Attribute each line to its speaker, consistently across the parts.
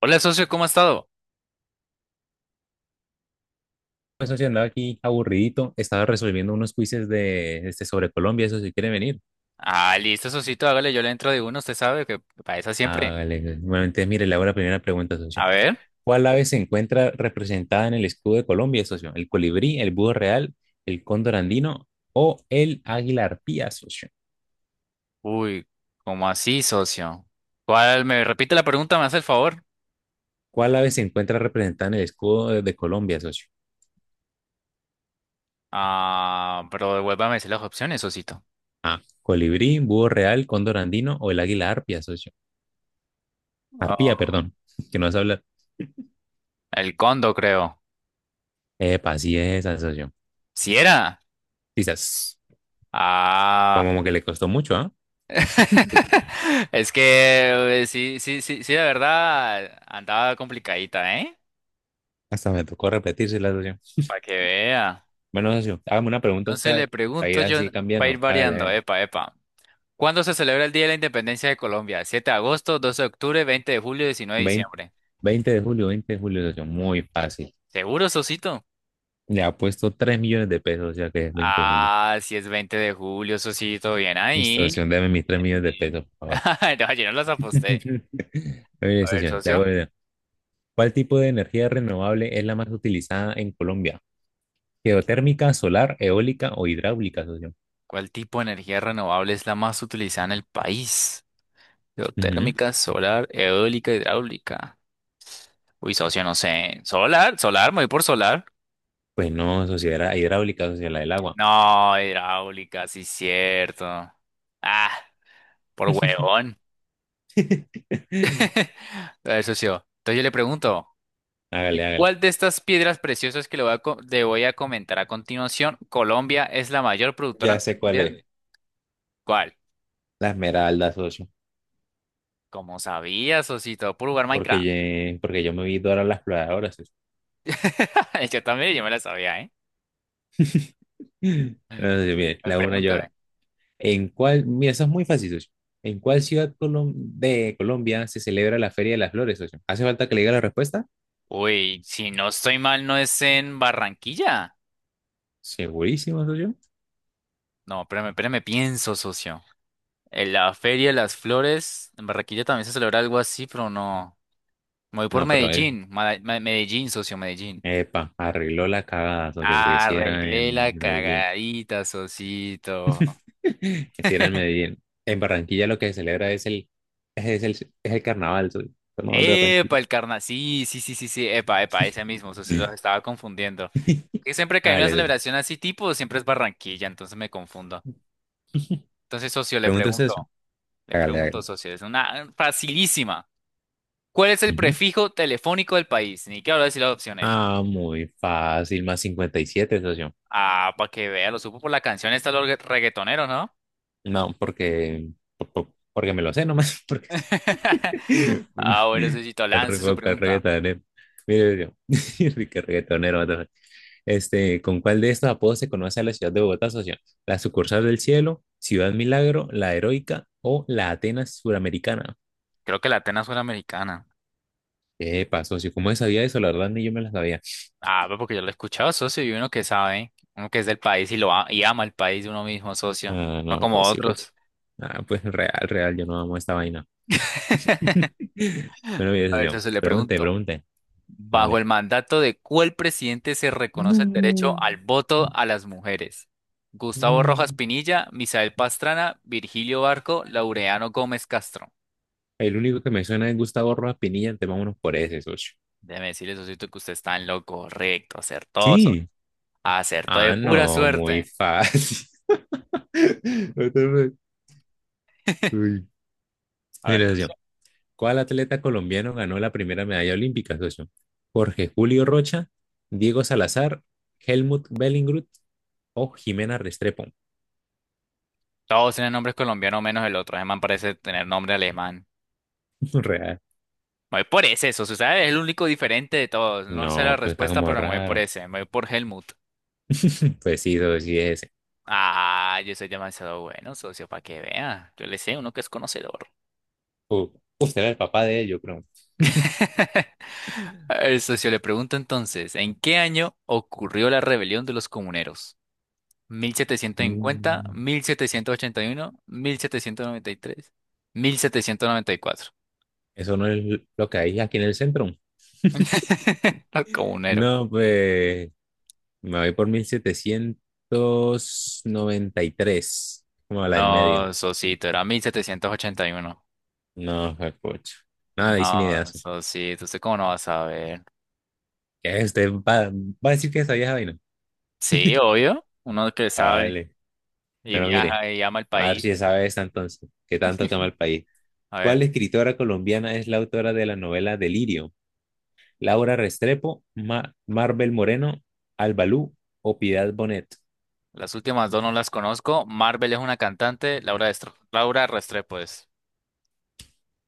Speaker 1: Hola, socio, ¿cómo ha estado?
Speaker 2: Pues no sé, andaba aquí aburridito, estaba resolviendo unos quizzes de este sobre Colombia, eso si quiere venir.
Speaker 1: Ah, listo, socito, hágale, yo le entro de uno, usted sabe que para esa siempre.
Speaker 2: Hágale, bueno, entonces mire, le hago la primera pregunta, socio.
Speaker 1: A ver.
Speaker 2: ¿Cuál ave se encuentra representada en el escudo de Colombia, socio? ¿El colibrí, el búho real, el cóndor andino o el águila arpía, socio?
Speaker 1: Uy, ¿cómo así, socio? ¿Cuál? ¿Me repite la pregunta? ¿Me hace el favor?
Speaker 2: ¿Cuál ave se encuentra representada en el escudo de Colombia, socio?
Speaker 1: Ah, pero devuélvame a decir las opciones, socito.
Speaker 2: A, colibrí, búho real, cóndor andino o el águila arpía, socio. Arpía,
Speaker 1: Ah,
Speaker 2: perdón, que no se habla.
Speaker 1: el condo, creo.
Speaker 2: Epa, así es, socio.
Speaker 1: ¿Si era?
Speaker 2: Quizás,
Speaker 1: Ah.
Speaker 2: como que le costó mucho, ¿ah?
Speaker 1: Es que sí, sí, sí, sí, la verdad andaba complicadita, ¿eh?
Speaker 2: Hasta me tocó repetirse la socio.
Speaker 1: Para que vea.
Speaker 2: Bueno, socio, hágame una pregunta a usted,
Speaker 1: Entonces
Speaker 2: a
Speaker 1: le
Speaker 2: ver, para
Speaker 1: pregunto
Speaker 2: ir
Speaker 1: yo,
Speaker 2: así
Speaker 1: para ir
Speaker 2: cambiando. Hágale, a
Speaker 1: variando,
Speaker 2: ver.
Speaker 1: epa, epa. ¿Cuándo se celebra el Día de la Independencia de Colombia? 7 de agosto, 12 de octubre, 20 de julio, 19 de
Speaker 2: 20,
Speaker 1: diciembre.
Speaker 2: 20 de julio, 20 de julio, socio, muy fácil.
Speaker 1: ¿Seguro, Sosito?
Speaker 2: Le ha puesto 3 millones de pesos, o sea que es 20 de julio.
Speaker 1: Ah, si es 20 de julio, Sosito. Bien
Speaker 2: Listo,
Speaker 1: ahí.
Speaker 2: socio, deme mis 3
Speaker 1: Bien
Speaker 2: millones de pesos,
Speaker 1: ahí.
Speaker 2: por favor.
Speaker 1: No, yo no los aposté.
Speaker 2: Oye,
Speaker 1: A ver,
Speaker 2: socio, le
Speaker 1: socio.
Speaker 2: voy a dar. ¿Cuál tipo de energía renovable es la más utilizada en Colombia? ¿Geotérmica, solar, eólica o hidráulica, socio?
Speaker 1: ¿Cuál tipo de energía renovable es la más utilizada en el país?
Speaker 2: Ujú.
Speaker 1: Geotérmica, solar, eólica, hidráulica. Uy, socio, no sé. ¿Solar? ¿Solar? ¿Me voy por solar?
Speaker 2: Pues no, socio, era hidráulica, socio, la del agua.
Speaker 1: No, hidráulica, sí, cierto. Ah, por huevón. Eso sí. Oh. Entonces yo le pregunto,
Speaker 2: Hágale,
Speaker 1: ¿de
Speaker 2: hágale.
Speaker 1: ¿cuál de estas piedras preciosas que le voy a comentar a continuación, Colombia es la mayor productora a
Speaker 2: Ya
Speaker 1: nivel
Speaker 2: sé cuál es.
Speaker 1: mundial? ¿Cuál?
Speaker 2: La Esmeralda, socio.
Speaker 1: Como sabías, Osito, por jugar
Speaker 2: Porque
Speaker 1: Minecraft.
Speaker 2: porque yo me vi Dora la Exploradora, socio.
Speaker 1: Yo también, yo me la sabía, ¿eh?
Speaker 2: Entonces, mire,
Speaker 1: Me
Speaker 2: la una llora.
Speaker 1: Pregúntame.
Speaker 2: ¿En cuál? Mira, eso es muy fácil, socio. ¿En cuál ciudad de Colombia se celebra la Feria de las Flores, socio? ¿Hace falta que le diga la respuesta?
Speaker 1: Uy, si no estoy mal, ¿no es en Barranquilla?
Speaker 2: Segurísimo, socio.
Speaker 1: No, espérame, espérame, pienso, socio. En la Feria de las Flores, en Barranquilla también se celebra algo así, pero no. Me voy por
Speaker 2: No, pero es.
Speaker 1: Medellín, Medellín, socio, Medellín.
Speaker 2: Epa, arregló la cagada, socio, porque si era
Speaker 1: Arreglé la
Speaker 2: en Medellín.
Speaker 1: cagadita, Sosito.
Speaker 2: Si era en Medellín. En Barranquilla lo que se celebra es el carnaval, socio. Carnaval de Barranquilla.
Speaker 1: Epa, el carna. Sí, sí, sí, sí, sí. Epa, epa, ese mismo, Sosito, los estaba confundiendo. Que siempre que hay una
Speaker 2: Hágale, socio.
Speaker 1: celebración así tipo, siempre es Barranquilla, entonces me confundo. Entonces, socio, le
Speaker 2: Pregunta usted,
Speaker 1: pregunto,
Speaker 2: socio.
Speaker 1: le
Speaker 2: Hágale,
Speaker 1: pregunto,
Speaker 2: hágale.
Speaker 1: socio, es una facilísima. ¿Cuál es el
Speaker 2: Ujú.
Speaker 1: prefijo telefónico del país? Ni que hablar de decir las opciones.
Speaker 2: Ah, muy fácil, +57, socio.
Speaker 1: Ah, para que vea, lo supo por la canción esta de los reggaetonero, ¿no?
Speaker 2: No, porque me lo sé nomás, porque sí.
Speaker 1: Ah, bueno, Sosito,
Speaker 2: El
Speaker 1: lance su
Speaker 2: re- el
Speaker 1: pregunta.
Speaker 2: reggaetonero. Mire, socio, qué reggaetonero. What. Este, ¿con cuál de estos apodos se conoce a la ciudad de Bogotá, socio? ¿La sucursal del cielo, Ciudad Milagro, la Heroica o la Atenas Suramericana?
Speaker 1: Creo que la Atenas suena americana.
Speaker 2: Epa, socio, ¿cómo sabía eso? La verdad, ni yo me la sabía.
Speaker 1: Ah, pues porque yo lo he escuchado, socio, y uno que sabe, uno que es del país y y ama el país de uno mismo, socio,
Speaker 2: Ah,
Speaker 1: no
Speaker 2: no,
Speaker 1: como
Speaker 2: pues sí, pues,
Speaker 1: otros.
Speaker 2: ah, pues real, real, yo no amo esta vaina. Bueno, mi
Speaker 1: A ver,
Speaker 2: decisión.
Speaker 1: socio, le
Speaker 2: Pregunte,
Speaker 1: pregunto,
Speaker 2: pregunte.
Speaker 1: ¿bajo
Speaker 2: Dale.
Speaker 1: el mandato de cuál presidente se reconoce el derecho
Speaker 2: No.
Speaker 1: al voto a las mujeres? Gustavo Rojas
Speaker 2: Mm.
Speaker 1: Pinilla, Misael Pastrana, Virgilio Barco, Laureano Gómez Castro.
Speaker 2: El único que me suena es Gustavo Rojas Pinilla, entonces vámonos por ese, socio.
Speaker 1: Déjeme decirle, socio, que usted está en lo correcto, acertó, socio,
Speaker 2: Sí.
Speaker 1: acertó de
Speaker 2: Ah,
Speaker 1: pura
Speaker 2: no, muy
Speaker 1: suerte.
Speaker 2: fácil. What the fuck? Uy.
Speaker 1: A ver,
Speaker 2: Mira,
Speaker 1: socio,
Speaker 2: socio. ¿Cuál atleta colombiano ganó la primera medalla olímpica, socio? Jorge Julio Rocha, Diego Salazar, Helmut Bellingrud o Jimena Restrepo.
Speaker 1: todos tienen nombres colombianos menos el otro, ese man parece tener nombre alemán.
Speaker 2: Real.
Speaker 1: Me voy por ese, eso, ¿sabes? Es el único diferente de todos. No sé la
Speaker 2: No, pues está
Speaker 1: respuesta,
Speaker 2: como
Speaker 1: pero me voy por
Speaker 2: raro.
Speaker 1: ese. Me voy por Helmut.
Speaker 2: Pues sí, socio, sí es.
Speaker 1: Ah, yo soy demasiado bueno, socio, para que vea. Yo le sé, uno que es conocedor.
Speaker 2: Uh, Usted era el papá de ellos, creo.
Speaker 1: El socio, le pregunto entonces, ¿en qué año ocurrió la rebelión de los comuneros? ¿1750,
Speaker 2: Mm,
Speaker 1: 1781, 1793, 1794?
Speaker 2: Eso no es lo que hay aquí en el centro.
Speaker 1: Los comuneros.
Speaker 2: No, pues me voy por 1793 como la del medio.
Speaker 1: No, socito, era 1781.
Speaker 2: No, coche. Nada, ahí sin
Speaker 1: No,
Speaker 2: ideas.
Speaker 1: socito, ¿usted cómo no va a saber?
Speaker 2: ¿Qué? ¿Usted va a decir que esa vieja vaina?
Speaker 1: Sí, obvio. Uno que sabe
Speaker 2: Vale.
Speaker 1: y
Speaker 2: Bueno, mire,
Speaker 1: viaja y ama el
Speaker 2: a ver
Speaker 1: país.
Speaker 2: si sabe esta entonces, que tanto toma el país.
Speaker 1: A
Speaker 2: ¿Cuál
Speaker 1: ver,
Speaker 2: escritora colombiana es la autora de la novela Delirio? Laura Restrepo, Marvel Moreno, Albalú o Piedad Bonet.
Speaker 1: las últimas dos no las conozco. Marvel es una cantante. Laura Restrepo es.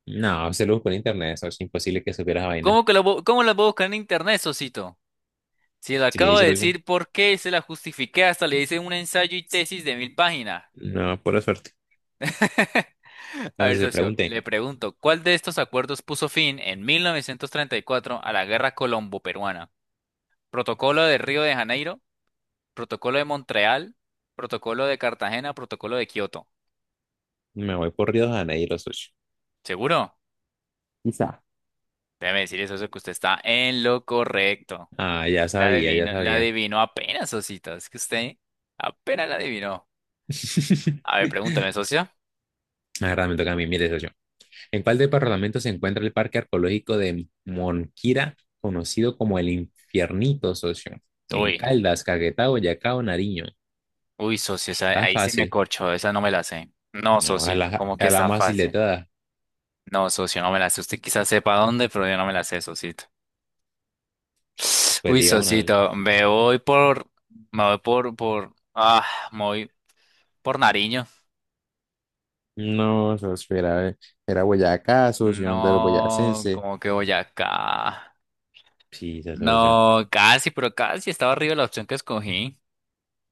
Speaker 2: No, se lo busco en internet, eso es imposible que supiera esa vaina.
Speaker 1: ¿Cómo que cómo la puedo buscar en internet, Sosito? Si le
Speaker 2: Sí,
Speaker 1: acabo de
Speaker 2: socio.
Speaker 1: decir por qué se la justifiqué, hasta le hice un ensayo y tesis de mil páginas.
Speaker 2: No, pura suerte.
Speaker 1: A ver,
Speaker 2: Entonces se
Speaker 1: socio, le
Speaker 2: pregunté,
Speaker 1: pregunto, ¿cuál de estos acuerdos puso fin en 1934 a la Guerra Colombo-Peruana? ¿Protocolo de Río de Janeiro? ¿Protocolo de Montreal? ¿Protocolo de Cartagena? ¿Protocolo de Kioto?
Speaker 2: me voy por Río de Janeiro, socio.
Speaker 1: ¿Seguro?
Speaker 2: Quizá.
Speaker 1: Déjeme decir eso, eso que usted está en lo correcto.
Speaker 2: Ah, ya
Speaker 1: La
Speaker 2: sabía, ya
Speaker 1: adivino, la
Speaker 2: sabía.
Speaker 1: adivinó apenas, Osito. Es que usted apenas la adivinó. A ver, pregúntame, socio.
Speaker 2: Ahora me toca a mí, mire, socio. ¿En cuál departamento se encuentra el Parque Arqueológico de Monquira, conocido como el Infiernito, socio? ¿En
Speaker 1: Uy,
Speaker 2: Caldas, Caquetá, Boyacá o Nariño?
Speaker 1: uy, socio,
Speaker 2: Está
Speaker 1: ahí sí me
Speaker 2: fácil.
Speaker 1: corcho, esa no me la sé. No,
Speaker 2: No, a
Speaker 1: socito,
Speaker 2: la,
Speaker 1: como que
Speaker 2: a la
Speaker 1: está
Speaker 2: más.
Speaker 1: fácil. No, socio, no me la sé. Usted quizás sepa dónde, pero yo no me la sé, socito.
Speaker 2: Pues
Speaker 1: Uy,
Speaker 2: diga una.
Speaker 1: socito, me voy por, por, ah, me voy por Nariño.
Speaker 2: No, eso era Boyacá, asociación de los
Speaker 1: No,
Speaker 2: boyacenses.
Speaker 1: como que voy acá.
Speaker 2: Sí, se asoció.
Speaker 1: No, casi, pero casi estaba arriba la opción que escogí.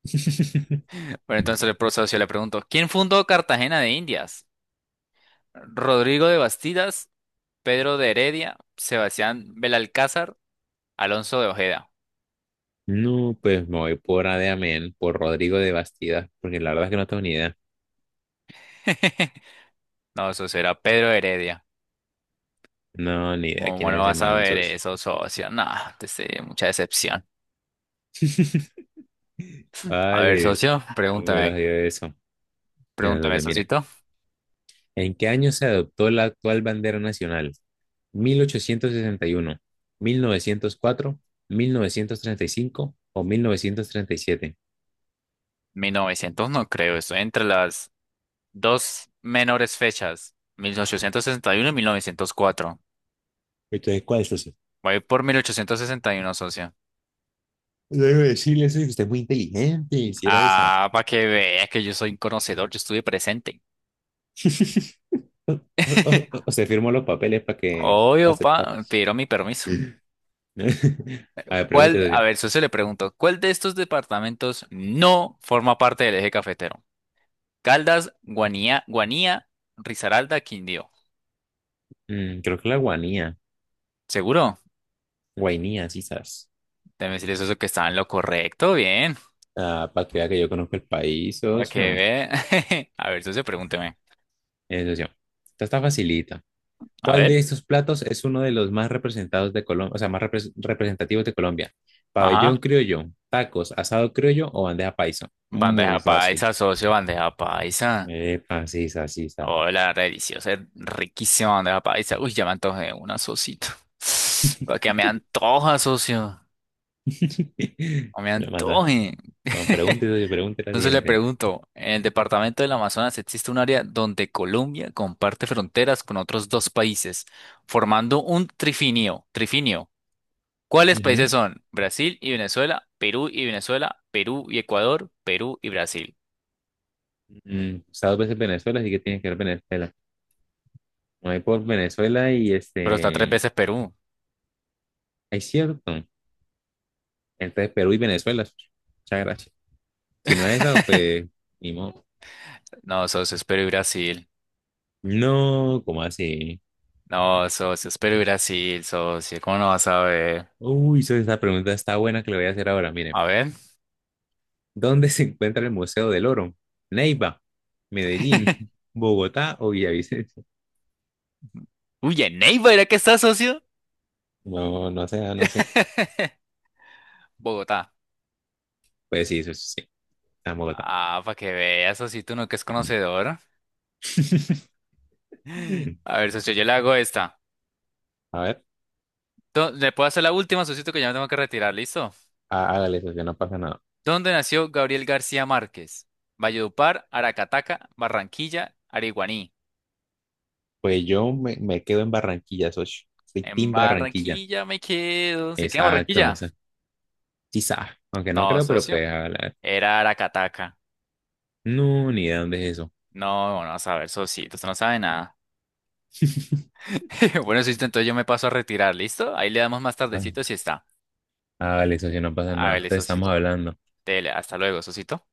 Speaker 1: Pero entonces el profesor socio le pregunto, ¿quién fundó Cartagena de Indias? Rodrigo de Bastidas, Pedro de Heredia, Sebastián Belalcázar, Alonso de Ojeda.
Speaker 2: No, pues me voy por Adeamén, por Rodrigo de Bastidas porque la verdad es que no tengo ni idea.
Speaker 1: No, eso será Pedro de Heredia.
Speaker 2: No, ni idea quién
Speaker 1: ¿Cómo
Speaker 2: es
Speaker 1: no
Speaker 2: ese
Speaker 1: vas a
Speaker 2: man,
Speaker 1: ver
Speaker 2: socio.
Speaker 1: eso, socio? No, te sé, mucha decepción. A ver,
Speaker 2: Vale,
Speaker 1: socio,
Speaker 2: no hubiera
Speaker 1: pregúntame,
Speaker 2: sido eso. Mira,
Speaker 1: pregúntame,
Speaker 2: socio, mire,
Speaker 1: socito.
Speaker 2: ¿en qué año se adoptó la actual bandera nacional? 1861, 1904, 1935 o 1937.
Speaker 1: Mil novecientos no creo, estoy entre las dos menores fechas, 1861 y 1904.
Speaker 2: Entonces, ¿cuál es eso?
Speaker 1: Voy por 1861, socio.
Speaker 2: Luego decirle eso, y usted es muy inteligente, hiciera esa.
Speaker 1: Ah, para que vea que yo soy un conocedor, yo estuve presente.
Speaker 2: O o- o- o se firmó los papeles para que para
Speaker 1: Obvio,
Speaker 2: aceptar.
Speaker 1: pa, pero mi permiso.
Speaker 2: A ver,
Speaker 1: ¿Cuál?
Speaker 2: pregúntese yo.
Speaker 1: A ver, socio, le pregunto, ¿cuál de estos departamentos no forma parte del eje cafetero? Caldas, Guanía, Risaralda, Quindío.
Speaker 2: Creo que la guanía,
Speaker 1: ¿Seguro?
Speaker 2: guainía, sí, sabes.
Speaker 1: Debe decir eso que estaba en lo correcto, bien.
Speaker 2: Ah, para que vea que yo conozco el país,
Speaker 1: Para que
Speaker 2: socio.
Speaker 1: vea. A ver, socio, pregúnteme.
Speaker 2: Socio, esta está facilita.
Speaker 1: A
Speaker 2: ¿Cuál de
Speaker 1: ver.
Speaker 2: estos platos es uno de los más representados de Colombia, o sea, más representativos de Colombia? Pabellón
Speaker 1: Ajá.
Speaker 2: criollo, tacos, asado criollo o bandeja paisa. Muy
Speaker 1: Bandeja
Speaker 2: fácil.
Speaker 1: paisa, socio, bandeja paisa.
Speaker 2: Epa, sí, sa, sí, sa.
Speaker 1: Hola, la deliciosa, es riquísima bandeja paisa. Uy, ya me antojé una, socito. Para que me antoja, socio. ¿O me
Speaker 2: Lo mata.
Speaker 1: antoje.
Speaker 2: Bueno, pregunta y doy pregunta la
Speaker 1: Entonces le
Speaker 2: siguiente.
Speaker 1: pregunto, ¿en el departamento del Amazonas existe un área donde Colombia comparte fronteras con otros dos países, formando un trifinio? Trifinio. ¿Cuáles
Speaker 2: Ujú.
Speaker 1: países son? Brasil y Venezuela, Perú y Venezuela, Perú y Ecuador, Perú y Brasil.
Speaker 2: He estado veces en Venezuela, así que tienes que ver Venezuela. Me voy por Venezuela y
Speaker 1: Pero está tres
Speaker 2: este.
Speaker 1: veces Perú.
Speaker 2: Es cierto. Entonces, Perú y Venezuela. Muchas gracias. Si no es esa, pues. Ni modo.
Speaker 1: No, socio, es Perú y Brasil.
Speaker 2: No, ¿cómo así?
Speaker 1: No, socio, es Perú y Brasil, socio. ¿Cómo no vas a ver?
Speaker 2: Uy, esa pregunta está buena que le voy a hacer ahora. Miren,
Speaker 1: A ver.
Speaker 2: ¿dónde se encuentra el Museo del Oro? Neiva, Medellín, Bogotá o Villavicencio.
Speaker 1: Uy, en Neiva, ¿era que está, socio?
Speaker 2: No, no sé, no sé.
Speaker 1: Bogotá.
Speaker 2: Pues sí, eso sí, está en Bogotá.
Speaker 1: Ah, para que veas, socito, no que es conocedor. A ver, socio, yo le hago esta.
Speaker 2: A ver,
Speaker 1: ¿Le puedo hacer la última, socito, que ya me tengo que retirar? ¿Listo?
Speaker 2: hágale, socio, no pasa nada.
Speaker 1: ¿Dónde nació Gabriel García Márquez? Valledupar, Aracataca, Barranquilla, Ariguaní.
Speaker 2: Pues yo me quedo en Barranquilla, socio. Soy
Speaker 1: En
Speaker 2: Team Barranquilla.
Speaker 1: Barranquilla me quedo. ¿Se queda en
Speaker 2: Exacto,
Speaker 1: Barranquilla?
Speaker 2: eso. Quizá, aunque no
Speaker 1: No,
Speaker 2: creo, pero
Speaker 1: socio.
Speaker 2: pues hágale, a ver.
Speaker 1: Era Aracataca.
Speaker 2: No, ni idea dónde es eso.
Speaker 1: No, no, a ver, socito, usted no sabe nada. Bueno, Sisto, entonces yo me paso a retirar, ¿listo? Ahí le damos más
Speaker 2: Ah,
Speaker 1: tardecito si está.
Speaker 2: hágale, socio, no pasa
Speaker 1: A
Speaker 2: nada.
Speaker 1: ver,
Speaker 2: Entonces estamos
Speaker 1: Sosito.
Speaker 2: hablando.
Speaker 1: Dele, hasta luego, Sosito.